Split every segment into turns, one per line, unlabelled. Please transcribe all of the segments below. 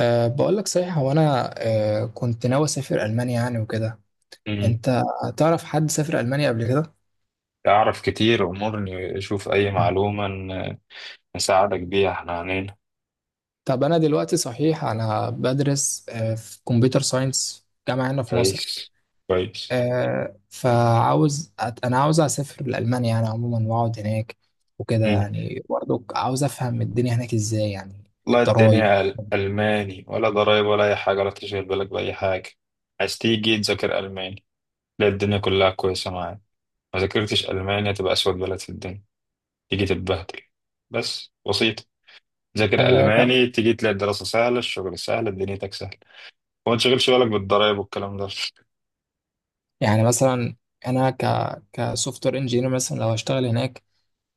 بقول لك صحيح هو انا كنت ناوي اسافر المانيا يعني وكده.
مم.
انت تعرف حد سافر المانيا قبل كده؟
أعرف كتير، أمورني أشوف أي معلومة نساعدك بيها إحنا عنينا.
طب انا دلوقتي صحيح انا بدرس في كمبيوتر ساينس جامعه هنا في مصر.
كويس كويس.
فعاوز انا عاوز اسافر لالمانيا يعني عموما واقعد هناك وكده،
مم.
يعني برضو عاوز افهم الدنيا هناك ازاي يعني.
والله
الضرايب.
الدنيا ألماني ولا ضرايب ولا أي حاجة ولا تشغل بالك بأي حاجة. عايز تيجي تذاكر ألماني؟ لا، الدنيا كلها كويسة معاك. ما ذاكرتش ألماني، هتبقى أسود بلد في الدنيا، تيجي تتبهدل بس بسيط. ذاكر
طب،
ألماني تيجي تلاقي الدراسة سهلة، الشغل سهل، دنيتك سهلة، وما تشغلش بالك بالضرايب والكلام ده.
يعني مثلا انا كسوفت وير انجينير مثلا لو هشتغل هناك،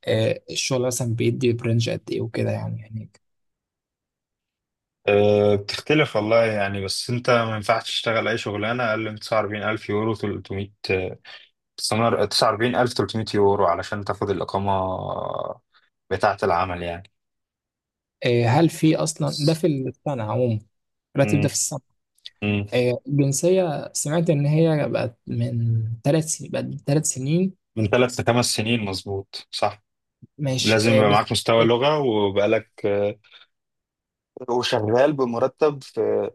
الشغل مثلا بيدي برنج قد ايه وكده يعني هناك.
أه بتختلف والله يعني، بس انت ما ينفعش تشتغل اي شغلانه اقل من 49,000 يورو 300 49,300 يورو علشان تاخد الاقامه بتاعه العمل يعني.
هل في اصلا ده في السنه عموما؟ الراتب ده في
امم،
السنه؟
امم.
الجنسيه سمعت ان هي بقت من ثلاث سنين، بقت ثلاث سنين.
من ثلاث لخمس سنين، مظبوط، صح.
مش
لازم يبقى
بس.
معاك مستوى لغه وبقالك وشغال بمرتب في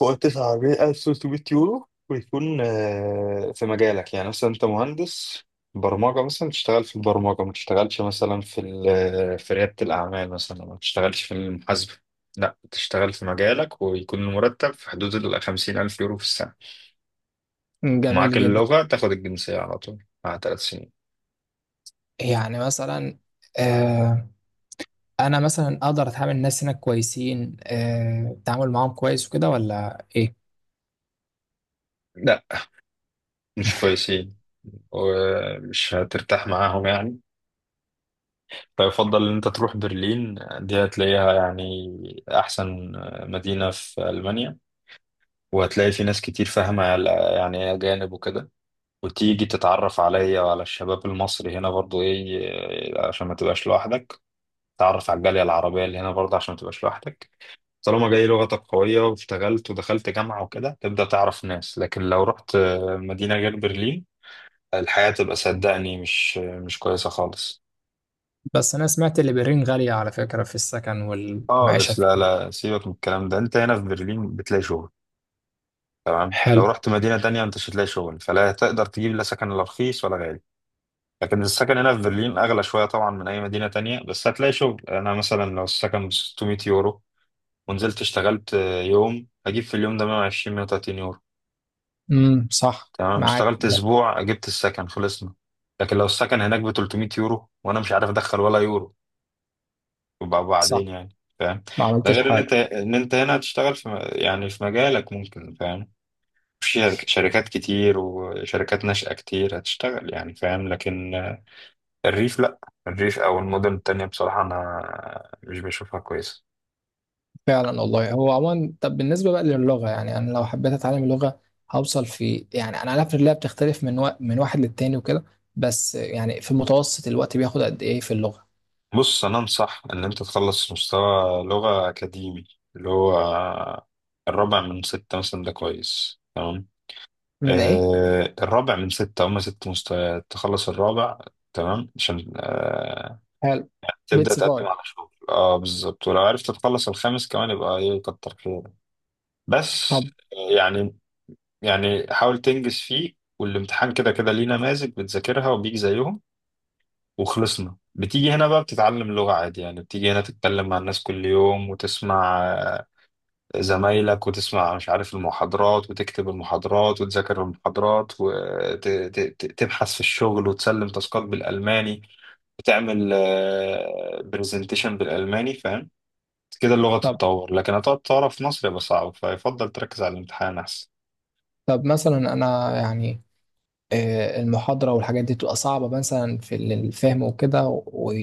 فوق 9,300 يورو، ويكون في مجالك. يعني مثلا انت مهندس برمجة، مثلا تشتغل في البرمجة، ما تشتغلش مثلا في ريادة الأعمال مثلا، ما تشتغلش في المحاسبة. لا، تشتغل في مجالك ويكون المرتب في حدود ال 50 ألف يورو في السنة. ومعاك
جميل جدا.
اللغة تاخد الجنسية على طول مع ثلاث سنين.
يعني مثلا آه، انا مثلا اقدر اتعامل الناس هناك كويسين؟ التعامل معاهم كويس وكده ولا ايه؟
لا، مش كويسين ومش هترتاح معاهم يعني. فيفضل ان انت تروح برلين، دي هتلاقيها يعني احسن مدينة في المانيا، وهتلاقي في ناس كتير فاهمة يعني ايه اجانب وكده. وتيجي تتعرف عليا وعلى الشباب المصري هنا برضو ايه عشان ما تبقاش لوحدك، تعرف على الجالية العربية اللي هنا برضو عشان ما تبقاش لوحدك. طالما جاي لغتك قوية واشتغلت ودخلت جامعة وكده تبدأ تعرف ناس، لكن لو رحت مدينة غير برلين، الحياة تبقى صدقني مش كويسة خالص.
بس انا سمعت اللي برين غاليه على فكره في السكن والمعيشه
خالص، لا
فيه.
لا، سيبك من الكلام ده. انت هنا في برلين بتلاقي شغل، لو
حلو.
رحت مدينة تانية انت مش هتلاقي شغل، فلا هتقدر تجيب لا سكن لا رخيص ولا غالي. لكن السكن هنا في برلين اغلى شوية طبعا من اي مدينة تانية، بس هتلاقي شغل. انا مثلا لو السكن ب 600 يورو ونزلت اشتغلت يوم، هجيب في اليوم ده 120 130 يورو.
امم، صح
تمام،
معاك.
اشتغلت اسبوع جبت السكن، خلصنا. لكن لو السكن هناك ب 300 يورو وانا مش عارف ادخل ولا يورو، يبقى
صح،
بعدين يعني، فاهم؟
ما
ده
عملتش
غير ان انت
حاجة.
هنا هتشتغل يعني في مجالك، ممكن فاهم، شركات كتير وشركات ناشئة كتير هتشتغل يعني، فاهم؟ لكن الريف لأ. الريف أو المدن التانية بصراحة أنا مش بشوفها كويسة.
فعلا والله، هو عموما طب بالنسبة بقى للغة، يعني أنا لو حبيت أتعلم اللغة هوصل في، يعني أنا عارف إن اللغة بتختلف من واحد للتاني وكده، بس يعني في متوسط الوقت بياخد قد إيه في اللغة؟
بص، أنا أنصح إن أنت تخلص مستوى لغة أكاديمي، اللي هو الرابع من ستة مثلا، ده كويس تمام.
من إيه؟
آه الرابع من ستة، هما ست مستويات، تخلص الرابع تمام عشان
حلو.
تبدأ
بيتس
تقدم
فايب.
على شغل، اه بالظبط. ولو عرفت تخلص الخامس كمان يبقى ايه، كتر خيرك. بس
طب.
آه، يعني يعني حاول تنجز فيه. والامتحان كده كده ليه نماذج بتذاكرها وبيجي زيهم وخلصنا. بتيجي هنا بقى بتتعلم لغة عادي يعني، بتيجي هنا تتكلم مع الناس كل يوم وتسمع زمايلك، وتسمع مش عارف المحاضرات وتكتب المحاضرات وتذاكر المحاضرات وتبحث في الشغل وتسلم تاسكات بالألماني، وتعمل برزنتيشن بالألماني، فاهم؟ كده اللغة
طب
تتطور. لكن هتقعد تعرف في مصر يبقى صعب، فيفضل تركز على الامتحان أحسن.
طب مثلا أنا يعني، المحاضرة والحاجات دي تبقى صعبة مثلا في الفهم وكده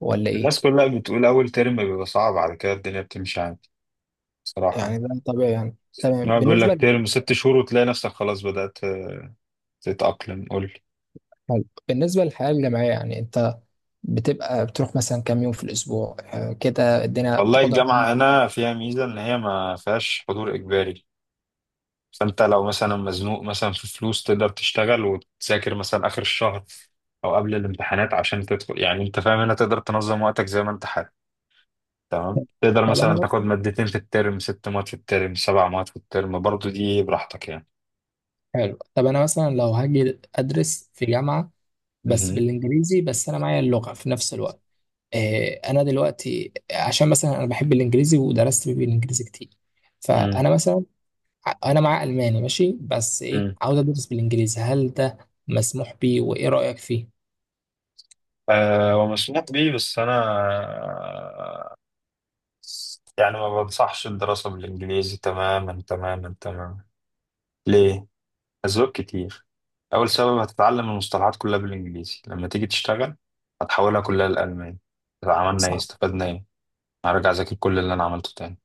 ولا إيه؟
الناس كلها بتقول أول ترم بيبقى صعب، على كده الدنيا بتمشي عادي
يعني
بصراحة.
ده طبيعي يعني. تمام.
يعني بيقول
بالنسبة
لك ترم ست شهور وتلاقي نفسك خلاص بدأت تتأقلم، قول لي.
حلو. بالنسبة للحياة الجامعية، يعني أنت بتبقى بتروح مثلا كام يوم في الأسبوع كده الدنيا
والله
بتقدر؟
الجامعة هنا فيها ميزة إن هي ما فيهاش حضور إجباري، فأنت لو مثلا مزنوق مثلا في فلوس تقدر تشتغل وتذاكر مثلا آخر الشهر أو قبل الامتحانات عشان تدخل يعني. أنت فاهم؟ هنا تقدر تنظم وقتك زي ما أنت حابب. تمام، تقدر
طب
مثلا تاخد مادتين في الترم، ست مواد في الترم، سبع مواد في الترم، برضو دي براحتك يعني.
حلو، طب أنا مثلا لو هاجي أدرس في جامعة بس
مهم.
بالإنجليزي، بس أنا معايا اللغة في نفس الوقت. أنا دلوقتي عشان مثلا أنا بحب الإنجليزي ودرست بالإنجليزي كتير، فأنا مثلا أنا معايا ألماني ماشي، بس إيه،
مم.
عاوز أدرس بالإنجليزي، هل ده مسموح بيه وإيه رأيك فيه؟
هو مشموق بيه، بس أنا آه، يعني ما بنصحش الدراسة بالإنجليزي تماما تماما تماما. ليه؟ أسباب كتير. أول سبب، هتتعلم المصطلحات كلها بالإنجليزي، لما تيجي تشتغل هتحولها كلها للألماني. طب عملنا إيه؟
صح.
استفدنا إيه؟ هرجع أذاكر كل اللي أنا عملته تاني.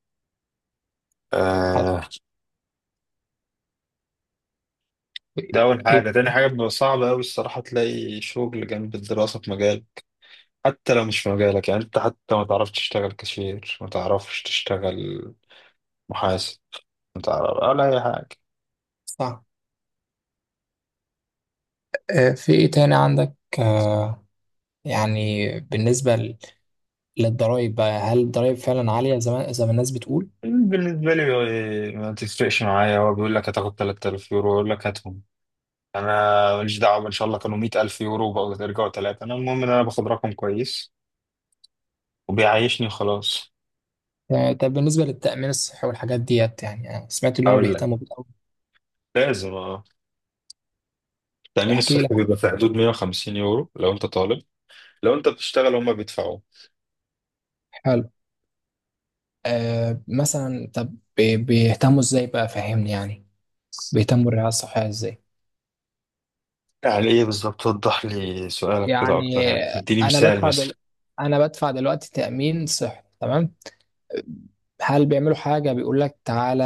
حط-
آه، ده أول
إيه.
حاجة. تاني حاجة، بيبقى صعب أوي الصراحة تلاقي شغل جنب الدراسة في مجال، حتى لو مش في مجالك يعني. أنت حتى ما تعرفش تشتغل كاشير، ما تعرفش تشتغل محاسب، متعرف ولا اي حاجه.
صح. في إيه تاني عندك؟ آه، يعني بالنسبة للضرايب بقى، هل الضرايب فعلا عالية زي ما زي ما الناس بتقول؟
بالنسبه لي إيه، ما تفرقش معايا. هو بيقول لك هتاخد 3,000 يورو، يقول لك هاتهم، انا ماليش دعوه، ان شاء الله كانوا 100,000 يورو وبقوا يرجعوا ثلاثه، انا المهم ان انا باخد رقم كويس وبيعيشني، خلاص.
طب بالنسبة للتأمين الصحي والحاجات ديت، يعني أنا سمعت إن هم
اقول لك،
بيهتموا بيه أوي.
لازم اه، التامين
احكي لي.
الصحي بيبقى في حدود 150 يورو لو انت طالب. لو انت بتشتغل هما بيدفعوا.
حلو. آه، مثلا طب بيهتموا إزاي بقى، فهمني يعني، بيهتموا بالرعاية الصحية إزاي؟
يعني ايه بالظبط؟ وضح لي سؤالك كده اكتر،
يعني
يعني اديني مثال مثلا.
أنا بدفع دلوقتي تأمين صحي تمام؟ هل بيعملوا حاجة بيقول لك تعالى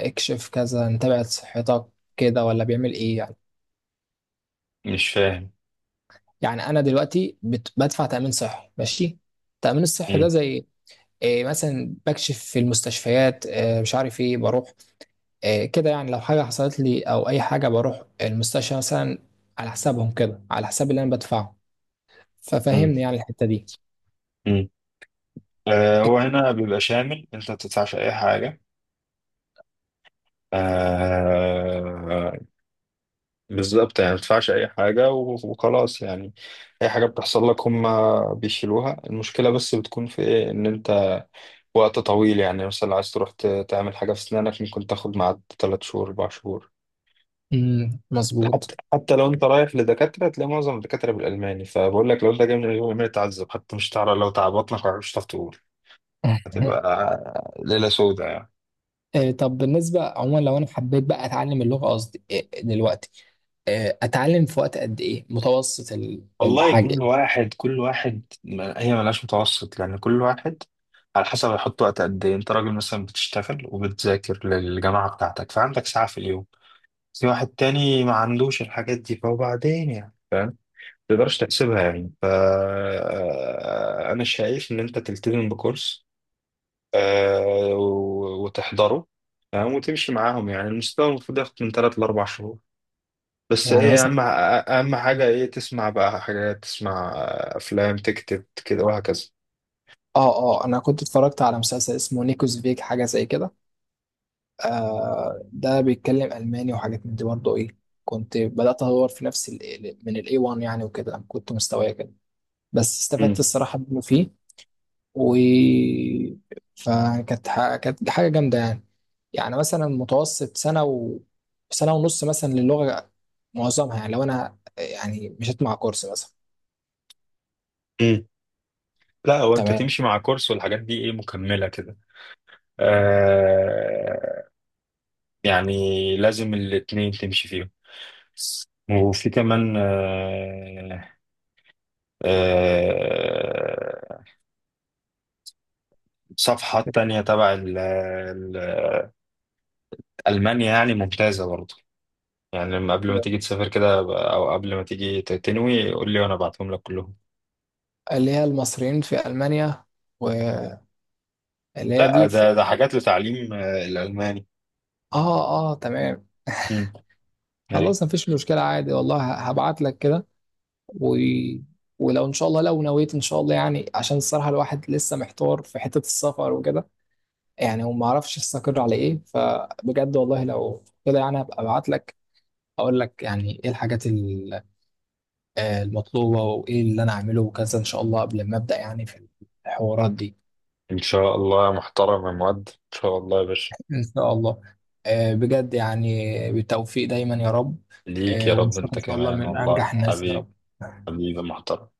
اكشف كذا، نتابع صحتك كده، ولا بيعمل إيه يعني؟
مش فاهم.
يعني انا دلوقتي بدفع تامين صحي ماشي، التامين الصحي ده
مم.
زي إيه، مثلا بكشف في المستشفيات، إيه مش عارف ايه، بروح إيه كده يعني، لو حاجه حصلت لي او اي حاجه بروح المستشفى مثلا على حسابهم كده، على حساب اللي انا بدفعه،
مم.
ففهمني يعني الحته دي.
مم. هو هنا بيبقى شامل، انت ما بتدفعش اي حاجه. آه، بالظبط، يعني ما تدفعش اي حاجه وخلاص يعني. اي حاجه بتحصل لك هم بيشيلوها. المشكله بس بتكون في ايه، ان انت وقت طويل يعني، مثلا عايز تروح تعمل حاجه في اسنانك، ممكن تاخد معاد 3 شهور 4 شهور.
امم، مظبوط.
حتى حتى لو انت رايح لدكاتره، تلاقي معظم الدكاتره بالالماني، فبقول لك لو انت جاي من الالماني تعذب، حتى مش تعرف، لو تعبطنك مش هتعرف تقول، هتبقى ليله سوداء يعني.
إيه، طب بالنسبه عموما لو انا حبيت بقى اتعلم اللغه، قصدي إيه دلوقتي، إيه اتعلم في وقت قد ايه، متوسط
والله
الحاجه
كل واحد، هي ملهاش متوسط، لأن كل واحد على حسب هيحط وقت قد إيه. أنت راجل مثلا بتشتغل وبتذاكر للجامعة بتاعتك، فعندك ساعة في اليوم. في واحد تاني ما عندوش الحاجات دي فوبعدين يعني، ما تقدرش تحسبها يعني. ف أنا شايف إن أنت تلتزم بكورس وتحضره، تمام، وتمشي معاهم يعني. المستوى المفروض ياخد من ثلاث لأربع شهور، بس
يعني؟
ايه، اهم حاجة ايه، تسمع بقى حاجات، تسمع افلام، تكتب كده، وهكذا.
اه. اه انا كنت اتفرجت على مسلسل اسمه نيكوز فيك حاجه زي كده، آه ده بيتكلم الماني وحاجات من دي برضه ايه. كنت بدات ادور في نفس ال، من الاي 1 يعني وكده، كنت مستوايا كده بس استفدت
مم.
الصراحه منه فيه. و كانت حاجه جامده يعني. يعني مثلا متوسط سنه سنه ونص مثلا للغه معظمها، يعني لو انا يعني مشيت مع كورس مثلا.
مم. لا، هو انت
تمام.
تمشي مع كورس والحاجات دي ايه مكملة كده. آه، يعني لازم الاتنين تمشي فيهم. وفي كمان آه، آه، صفحات تانية تبع ألمانيا يعني، ممتازة برضه يعني. لما قبل ما تيجي تسافر كده، أو قبل ما تيجي تنوي قول لي وأنا أبعتهم لك كلهم.
اللي هي المصريين في المانيا، واللي هي
لا،
دي.
ده حاجات لتعليم الألماني.
اه اه تمام.
مم. أي.
خلاص مفيش مشكلة عادي والله، هبعت لك كده و... ولو ان شاء الله، لو نويت ان شاء الله، يعني عشان الصراحة الواحد لسه محتار في حتة السفر وكده يعني، وما اعرفش استقر على ايه، فبجد والله لو كده يعني هبقى ابعت لك، اقول لك يعني ايه الحاجات آه المطلوبة وايه اللي انا اعمله وكذا ان شاء الله قبل ما ابدأ يعني في الحوارات دي.
إن شاء الله يا محترم، يا مؤدب، إن شاء الله يا باشا.
ان شاء الله. آه بجد، يعني بالتوفيق دايما يا رب.
ليك
آه
يا رب
ونشوفك
أنت
ان شاء الله
كمان،
من
والله
انجح الناس يا
حبيب.
رب.
حبيبي محترم.